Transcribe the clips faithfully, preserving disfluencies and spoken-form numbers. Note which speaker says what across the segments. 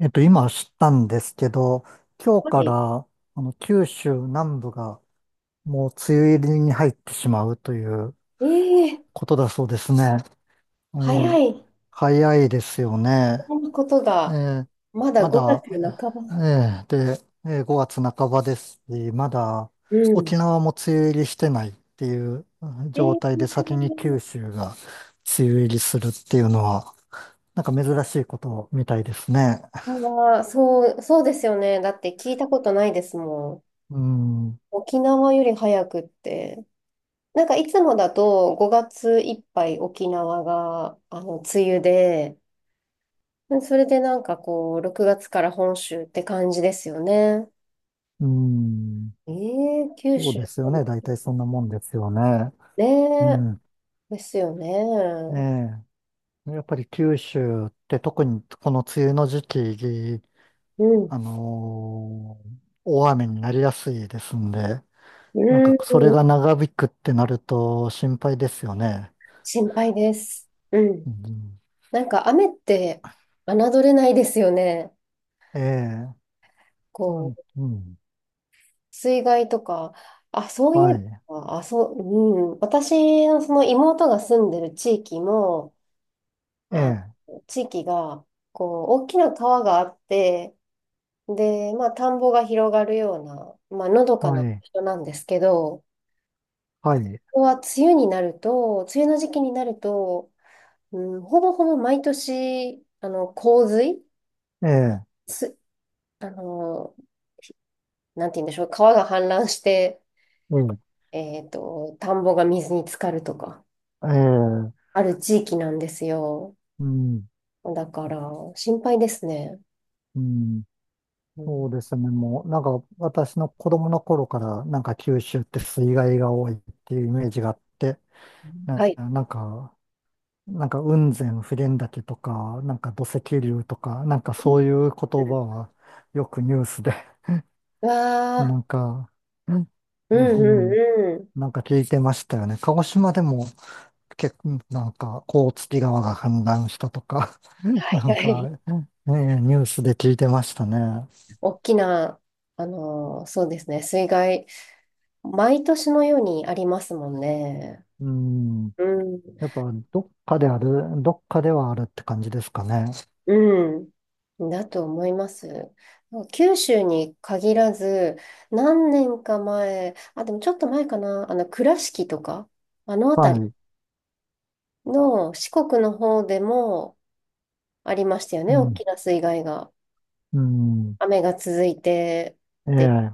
Speaker 1: えっと、今知ったんですけど、今日
Speaker 2: は
Speaker 1: か
Speaker 2: い。
Speaker 1: ら、あの、九州南部がもう梅雨入りに入ってしまうという
Speaker 2: ええ、
Speaker 1: ことだそうですね。え
Speaker 2: 早
Speaker 1: え、
Speaker 2: い。
Speaker 1: 早いですよね。
Speaker 2: そんなこと
Speaker 1: え
Speaker 2: が、
Speaker 1: え、
Speaker 2: まだ
Speaker 1: ま
Speaker 2: 5
Speaker 1: だ、
Speaker 2: 月半
Speaker 1: え
Speaker 2: ば。
Speaker 1: え、で、ええ、ごがつなかばばですし、まだ
Speaker 2: う
Speaker 1: 沖
Speaker 2: ん。
Speaker 1: 縄も梅雨入りしてないっていう、うん、
Speaker 2: ええ、
Speaker 1: 状態で先に九州が梅雨入りするっていうのは、なんか珍しいことみたいですね。
Speaker 2: は、そう、そうですよね。だって聞いたことないですもん。
Speaker 1: うん、
Speaker 2: 沖縄より早くって。なんかいつもだとごがついっぱい沖縄が、あの、梅雨で、それでなんかこう、ろくがつから本州って感じですよね。
Speaker 1: うん、
Speaker 2: ええ、九
Speaker 1: そう
Speaker 2: 州。
Speaker 1: ですよね。大体そんなもんですよね。
Speaker 2: ね
Speaker 1: う
Speaker 2: え、
Speaker 1: ん。
Speaker 2: ですよ
Speaker 1: え
Speaker 2: ね。
Speaker 1: え。やっぱり九州って特にこの梅雨の時期、
Speaker 2: うん。
Speaker 1: あのー大雨になりやすいですんで、
Speaker 2: う
Speaker 1: なんか
Speaker 2: ん。
Speaker 1: それが長引くってなると心配ですよね。
Speaker 2: 心配です。うん。
Speaker 1: うん、
Speaker 2: なんか雨って侮れないですよね。
Speaker 1: ええ。う
Speaker 2: こ
Speaker 1: ん。
Speaker 2: う、
Speaker 1: うん、
Speaker 2: 水害とか、あ、そうい
Speaker 1: は
Speaker 2: え
Speaker 1: い。
Speaker 2: ば、あ、そう、うん。私のその妹が住んでる地域も、
Speaker 1: え
Speaker 2: あ、
Speaker 1: え。
Speaker 2: 地域が、こう、大きな川があって、で、まあ、田んぼが広がるような、まあ、のどか
Speaker 1: は
Speaker 2: な
Speaker 1: い。
Speaker 2: 人なんですけど、
Speaker 1: はい。
Speaker 2: ここは梅雨になると、梅雨の時期になると、うん、ほぼほぼ毎年、あの、洪水、
Speaker 1: ええ。
Speaker 2: す、あの、なんて言うんでしょう、川が氾濫して、
Speaker 1: うん、
Speaker 2: えっと、田んぼが水に浸かるとか、
Speaker 1: ええ。
Speaker 2: ある地域なんですよ。
Speaker 1: うん。
Speaker 2: だから、心配ですね。
Speaker 1: うん。
Speaker 2: うん、
Speaker 1: そうですね。もう、なんか、私の子供の頃から、なんか九州って水害が多いっていうイメージがあって、
Speaker 2: は
Speaker 1: な、
Speaker 2: い。
Speaker 1: なんか、なんか雲仙普賢岳とか、なんか土石流とか、なんか
Speaker 2: うん。
Speaker 1: そういう言葉はよくニュースで、
Speaker 2: わ
Speaker 1: なんか、うん、
Speaker 2: ー、う
Speaker 1: う
Speaker 2: ん
Speaker 1: ん、
Speaker 2: うんうん。
Speaker 1: なんか聞いてましたよね。鹿児島でも結構、なんか、甲突川が氾濫したとか、
Speaker 2: は
Speaker 1: な
Speaker 2: いは
Speaker 1: んか、
Speaker 2: い。
Speaker 1: ね、ニュースで聞いてましたね。
Speaker 2: 大きな、あのーそうですね、水害、毎年のようにありますもんね。
Speaker 1: うん。
Speaker 2: うん。
Speaker 1: やっぱ、どっかである、どっかではあるって感じですかね。
Speaker 2: うん。だと思います。九州に限らず、何年か前、あ、でもちょっと前かな、あの、倉敷とか、あの辺
Speaker 1: は
Speaker 2: り
Speaker 1: い。
Speaker 2: の四国の方でもありましたよ
Speaker 1: う
Speaker 2: ね、大
Speaker 1: ん。
Speaker 2: きな水害が。
Speaker 1: うん。
Speaker 2: 雨が続いて
Speaker 1: え
Speaker 2: って、
Speaker 1: え。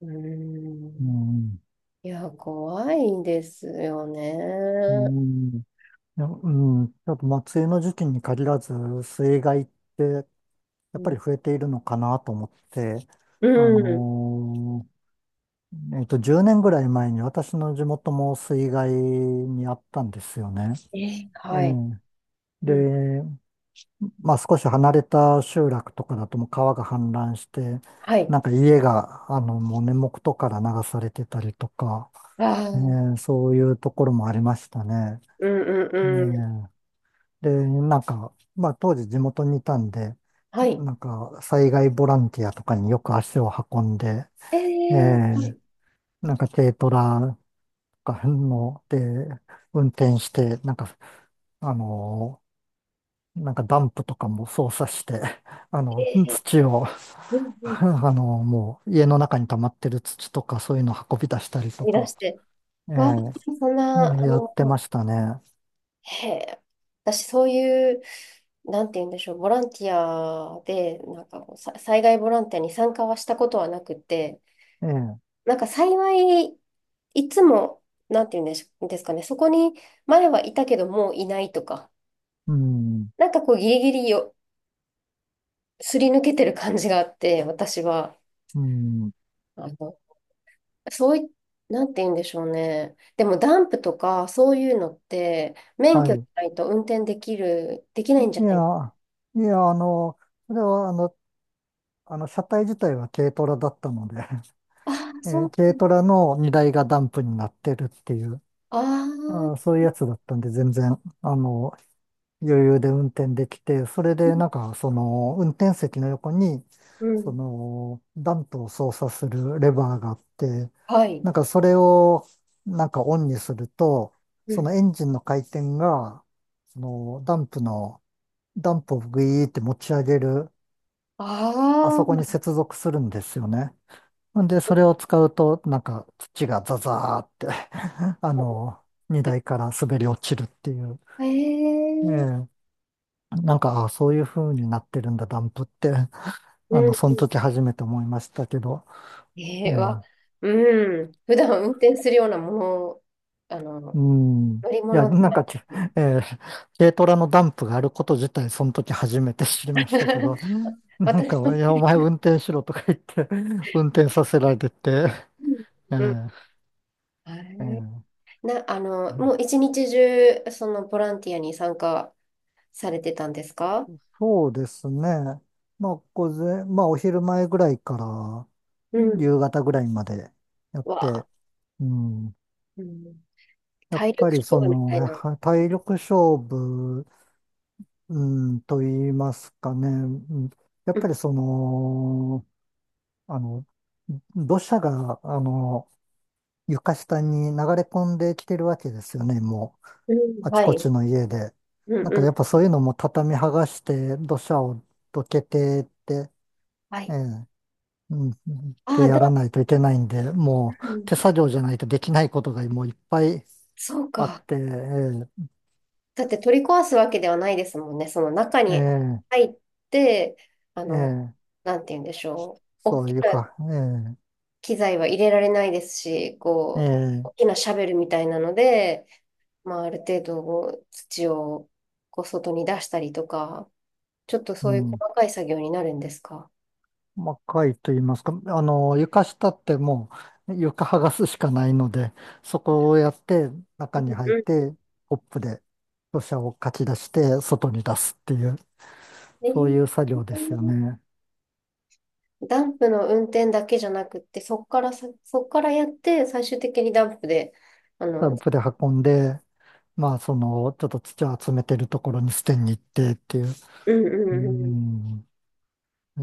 Speaker 2: うー
Speaker 1: う
Speaker 2: ん。
Speaker 1: ん。
Speaker 2: いや、怖いですよ
Speaker 1: う
Speaker 2: ね。
Speaker 1: ん。いや、うん。やっぱ、まあ、梅雨の時期に限らず、水害って、や
Speaker 2: う
Speaker 1: っぱ
Speaker 2: ん。
Speaker 1: り増えているのかなと思って、
Speaker 2: う
Speaker 1: あ
Speaker 2: ん。
Speaker 1: のーえっと、じゅうねんぐらい前に私の地元も水害にあったんですよね。
Speaker 2: え、
Speaker 1: ええ。
Speaker 2: はい。うん。
Speaker 1: で、まあ少し離れた集落とかだともう川が氾濫して、
Speaker 2: はい。
Speaker 1: なんか家が、あの、もう根元から流されてたりとか、
Speaker 2: あ
Speaker 1: え
Speaker 2: あ。
Speaker 1: ーそういうところもありましたね。
Speaker 2: うん
Speaker 1: え
Speaker 2: うんうん。
Speaker 1: ーで、なんか、まあ当時地元にいたんで、
Speaker 2: はい。
Speaker 1: なんか災害ボランティアとかによく足を運んで、
Speaker 2: え
Speaker 1: えー
Speaker 2: ー、
Speaker 1: なんか軽トラとかので運転して、なんか、あのなんかダンプとかも操作して、あの、
Speaker 2: えー
Speaker 1: 土を、
Speaker 2: うん うん。
Speaker 1: あの、もう家の中に溜まってる土とかそういうの運び出したりと
Speaker 2: 飛出
Speaker 1: か、
Speaker 2: して。
Speaker 1: え
Speaker 2: わあ、
Speaker 1: え、
Speaker 2: そん
Speaker 1: う
Speaker 2: な、
Speaker 1: ん、
Speaker 2: あ
Speaker 1: やっ
Speaker 2: の、
Speaker 1: てましたね。
Speaker 2: へえ、私そういう、なんて言うんでしょう、ボランティアで、なんかこう、さ災害ボランティアに参加はしたことはなくて、
Speaker 1: ええ、
Speaker 2: なんか幸い、いつも、なんて言うんでしょですかね、そこに前はいたけどもういないとか、
Speaker 1: うん、
Speaker 2: なんかこう、ギリギリよ、すり抜けてる感じがあって、私は、
Speaker 1: うん、
Speaker 2: あの、そうい、なんて言うんでしょうね。でもダンプとかそういうのって免
Speaker 1: は
Speaker 2: 許じ
Speaker 1: い。
Speaker 2: ゃないと運転できる、できないんじゃ
Speaker 1: い
Speaker 2: ない。
Speaker 1: や、いや、あの、それは、あの、あの、車体自体は軽トラだったので
Speaker 2: ああ、そ
Speaker 1: えー、
Speaker 2: う。
Speaker 1: 軽トラの荷台がダンプになってるっていう、
Speaker 2: あ
Speaker 1: あー、
Speaker 2: あ、
Speaker 1: そういうやつだったんで、全然、あの、余裕で運転できて、それ
Speaker 2: う
Speaker 1: で
Speaker 2: ん。
Speaker 1: なんかその運転席の横にそのダンプを操作するレバーがあって、
Speaker 2: はい。
Speaker 1: なんかそれをなんかオンにすると、
Speaker 2: う
Speaker 1: その
Speaker 2: ん。
Speaker 1: エンジンの回転がそのダンプの、ダンプをグイーって持ち上げる、あそこに
Speaker 2: あ
Speaker 1: 接続するんですよね。んで、それを使うと、なんか土がザザーって あの、荷台から滑り落ちるっていう。
Speaker 2: あ、
Speaker 1: え
Speaker 2: ええ、
Speaker 1: え、なんか、あ、そういう風になってるんだ、ダンプって。
Speaker 2: うん
Speaker 1: あの、その
Speaker 2: うん。
Speaker 1: 時初めて思いましたけど。
Speaker 2: え
Speaker 1: え
Speaker 2: えわ。
Speaker 1: ー
Speaker 2: うん。普段運転するようなもの、あ
Speaker 1: う
Speaker 2: の、
Speaker 1: ん。
Speaker 2: 乗り
Speaker 1: いや、
Speaker 2: 物で
Speaker 1: なん
Speaker 2: はな
Speaker 1: かけ
Speaker 2: い。
Speaker 1: えー軽トラのダンプがあること自体、その時初めて知りましたけど、なん
Speaker 2: 私も。
Speaker 1: か、いや、お前運転しろとか言って、運転させられて、え
Speaker 2: うんうん。
Speaker 1: ー
Speaker 2: は
Speaker 1: え
Speaker 2: い。
Speaker 1: ー
Speaker 2: な、あの、もう一日中、そのボランティアに参加されてたんですか。
Speaker 1: そうですね。まあ、午前、まあ、お昼前ぐらいから
Speaker 2: うん。
Speaker 1: 夕方ぐらいまでやっ
Speaker 2: わ
Speaker 1: て、
Speaker 2: あ、
Speaker 1: うん。
Speaker 2: うん。
Speaker 1: やっ
Speaker 2: 体力
Speaker 1: ぱり
Speaker 2: 勝
Speaker 1: そ
Speaker 2: 負み
Speaker 1: の、
Speaker 2: たいな。
Speaker 1: は体力勝負、うん、と言いますかね。うん。や
Speaker 2: う
Speaker 1: っぱ
Speaker 2: ん、
Speaker 1: りその、あの、土砂が、あの、床下に流れ込んできてるわけですよね、もう、
Speaker 2: うん。
Speaker 1: あち
Speaker 2: は
Speaker 1: こち
Speaker 2: い。
Speaker 1: の家で。
Speaker 2: う
Speaker 1: な
Speaker 2: ん
Speaker 1: んか
Speaker 2: う
Speaker 1: やっ
Speaker 2: ん。
Speaker 1: ぱそういうのも畳剥がして、土砂をどけてって、
Speaker 2: は
Speaker 1: え
Speaker 2: い。
Speaker 1: え、うん、っ
Speaker 2: あ
Speaker 1: て
Speaker 2: あ、
Speaker 1: や
Speaker 2: だ、
Speaker 1: らないといけないんで、
Speaker 2: う
Speaker 1: もう
Speaker 2: ん、
Speaker 1: 手作業じゃないとできないことがもういっぱい
Speaker 2: そう
Speaker 1: あっ
Speaker 2: か。
Speaker 1: て、え
Speaker 2: だって取り壊すわけではないですもんね。その中
Speaker 1: え、
Speaker 2: に
Speaker 1: え
Speaker 2: 入って、あ
Speaker 1: え、
Speaker 2: の、
Speaker 1: ええ、
Speaker 2: なんて言うんでしょう。大
Speaker 1: そ
Speaker 2: き
Speaker 1: う、
Speaker 2: な
Speaker 1: 床、
Speaker 2: 機材は入れられないですし、
Speaker 1: ええ、
Speaker 2: こう、
Speaker 1: え
Speaker 2: 大き
Speaker 1: え、
Speaker 2: なシャベルみたいなので、まあ、ある程度こう土をこう外に出したりとか、ちょっと
Speaker 1: う
Speaker 2: そういう
Speaker 1: ん。
Speaker 2: 細かい作業になるんですか。
Speaker 1: まあ、貝と言いますか、あの、床下ってもう床剥がすしかないので、そこをやって中に入っ
Speaker 2: うん。
Speaker 1: て、コップで土砂をかき出して外に出すっていう、
Speaker 2: え
Speaker 1: そういう作業ですよね。
Speaker 2: ダンプの運転だけじゃなくって、そっからさ、そっからやって、最終的にダンプで、あ
Speaker 1: ダ
Speaker 2: の、
Speaker 1: ンプで運んで、まあ、その、ちょっと土を集めてるところに捨てに行ってっていう。
Speaker 2: うんう
Speaker 1: う
Speaker 2: んうん。
Speaker 1: ん、え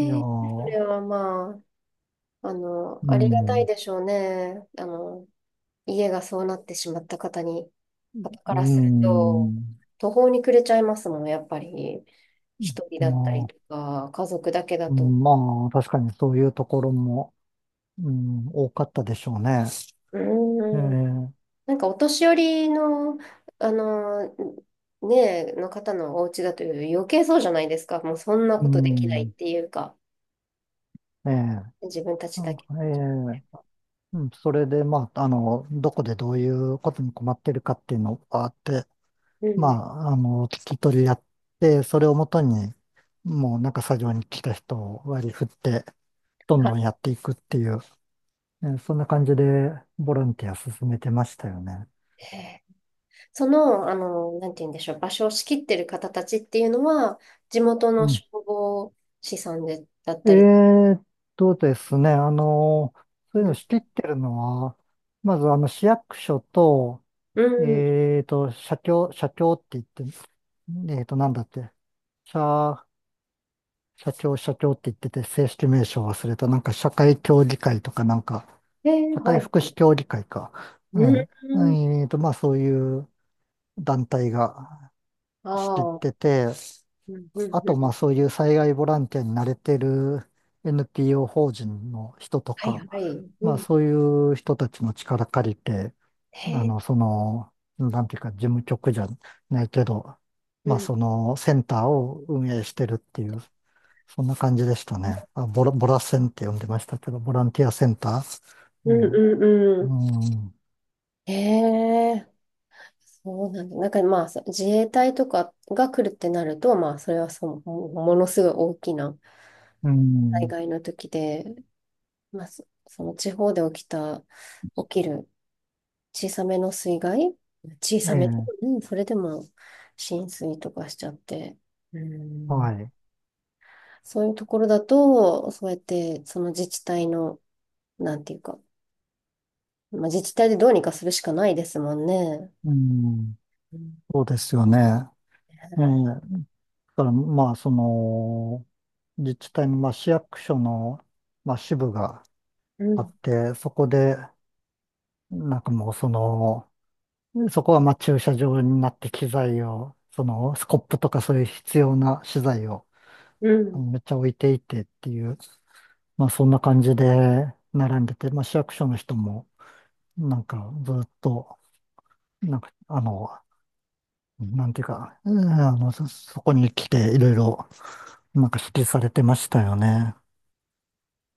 Speaker 1: え、いや
Speaker 2: え。そ
Speaker 1: ー、
Speaker 2: れはまあ、あの、
Speaker 1: う
Speaker 2: ありがたい
Speaker 1: ん、
Speaker 2: でしょうね。あの、家がそうなってしまった方に、方か
Speaker 1: う
Speaker 2: らすると、
Speaker 1: ん、
Speaker 2: 途方に暮れちゃいますもん、やっぱり。一人だ
Speaker 1: ま
Speaker 2: ったり
Speaker 1: あ、
Speaker 2: とか、家族だけだ
Speaker 1: う
Speaker 2: と。
Speaker 1: ん、まあ、確かにそういうところも、うん、多かったでしょうね。え
Speaker 2: うん。
Speaker 1: ー、
Speaker 2: なんかお年寄りの、あの、ねえ、の方のお家だと余計そうじゃないですか。もうそんな
Speaker 1: う
Speaker 2: ことできないっ
Speaker 1: ん、
Speaker 2: ていうか、
Speaker 1: えー、
Speaker 2: 自分たち
Speaker 1: な
Speaker 2: だ
Speaker 1: んか
Speaker 2: け。
Speaker 1: えーうん、それで、まあ、あの、どこでどういうことに困ってるかっていうのがあって、
Speaker 2: う
Speaker 1: ま
Speaker 2: ん。
Speaker 1: あ、あの、聞き取りやって、それをもとに、もうなんか作業に来た人を割り振って、どん
Speaker 2: は
Speaker 1: どんやっていくっていう、えーそんな感じでボランティア進めてましたよね。
Speaker 2: い。へえ。その、あの、なんて言うんでしょう、場所を仕切ってる方たちっていうのは、地元
Speaker 1: う
Speaker 2: の
Speaker 1: ん。
Speaker 2: 消防士さんで、だっ
Speaker 1: え
Speaker 2: たり。
Speaker 1: ーっとですね、あの、そうい
Speaker 2: う
Speaker 1: うの
Speaker 2: ん。
Speaker 1: 仕切ってるのは、まずあの市役所と、
Speaker 2: うん。
Speaker 1: えーっと、社協、社協って言って、えーっと、なんだって、社、社協、社協って言ってて、正式名称忘れた、なんか社会協議会とか、なんか、
Speaker 2: えー
Speaker 1: 社
Speaker 2: は
Speaker 1: 会
Speaker 2: い。
Speaker 1: 福祉協議会か。う
Speaker 2: う
Speaker 1: ん。
Speaker 2: ん。
Speaker 1: えーっと、まあそういう団体が
Speaker 2: あ
Speaker 1: 仕切っ
Speaker 2: あ。
Speaker 1: てて、
Speaker 2: うん、うん、
Speaker 1: あ
Speaker 2: う
Speaker 1: と、まあ
Speaker 2: ん。
Speaker 1: そういう災害ボランティアに慣れてる エヌピーオー 法人の人と
Speaker 2: はい、
Speaker 1: か、
Speaker 2: はい。う
Speaker 1: まあ
Speaker 2: ん。
Speaker 1: そういう人たちの力借りて、
Speaker 2: へ
Speaker 1: あ
Speaker 2: え。
Speaker 1: の、その、なんていうか、事務局じゃないけど、
Speaker 2: う
Speaker 1: まあ
Speaker 2: ん。
Speaker 1: そのセンターを運営してるっていう、そんな感じでしたね。あ、ボラ、ボラセンって呼んでましたけど、ボランティアセンター。
Speaker 2: うん
Speaker 1: ね、
Speaker 2: うんう
Speaker 1: う
Speaker 2: ん。
Speaker 1: ん、
Speaker 2: へえ、そうなんだ。なんかまあ、そ自衛隊とかが来るってなると、まあ、それはその、もものすごい大きな
Speaker 1: う
Speaker 2: 災
Speaker 1: ん、
Speaker 2: 害の時で、まあ、そ、その地方で起きた、起きる小さめの水害、小
Speaker 1: え
Speaker 2: さめ、
Speaker 1: え、
Speaker 2: うん、それでも浸水とかしちゃって、うん、
Speaker 1: はい。
Speaker 2: そういうところだと、そうやって、その自治体の、なんていうか、まあ、自治体でどうにかするしかないですもんね。
Speaker 1: うん、
Speaker 2: うん、
Speaker 1: そうですよね。ええ、だから、まあ、その、自治体の、まあ、市役所の、まあ、支部が
Speaker 2: う
Speaker 1: あっ
Speaker 2: ん、
Speaker 1: て、そこで、なんかもう、その、そこは、まあ、駐車場になって機材を、その、スコップとかそういう必要な資材を、
Speaker 2: う
Speaker 1: あ
Speaker 2: ん
Speaker 1: のめっちゃ置いていてっていう、まあ、そんな感じで並んでて、まあ、市役所の人も、なんか、ずっと、なんか、あの、なんていうか、うん、あの、そ、そこに来て、いろいろ、なんか指示されてましたよね。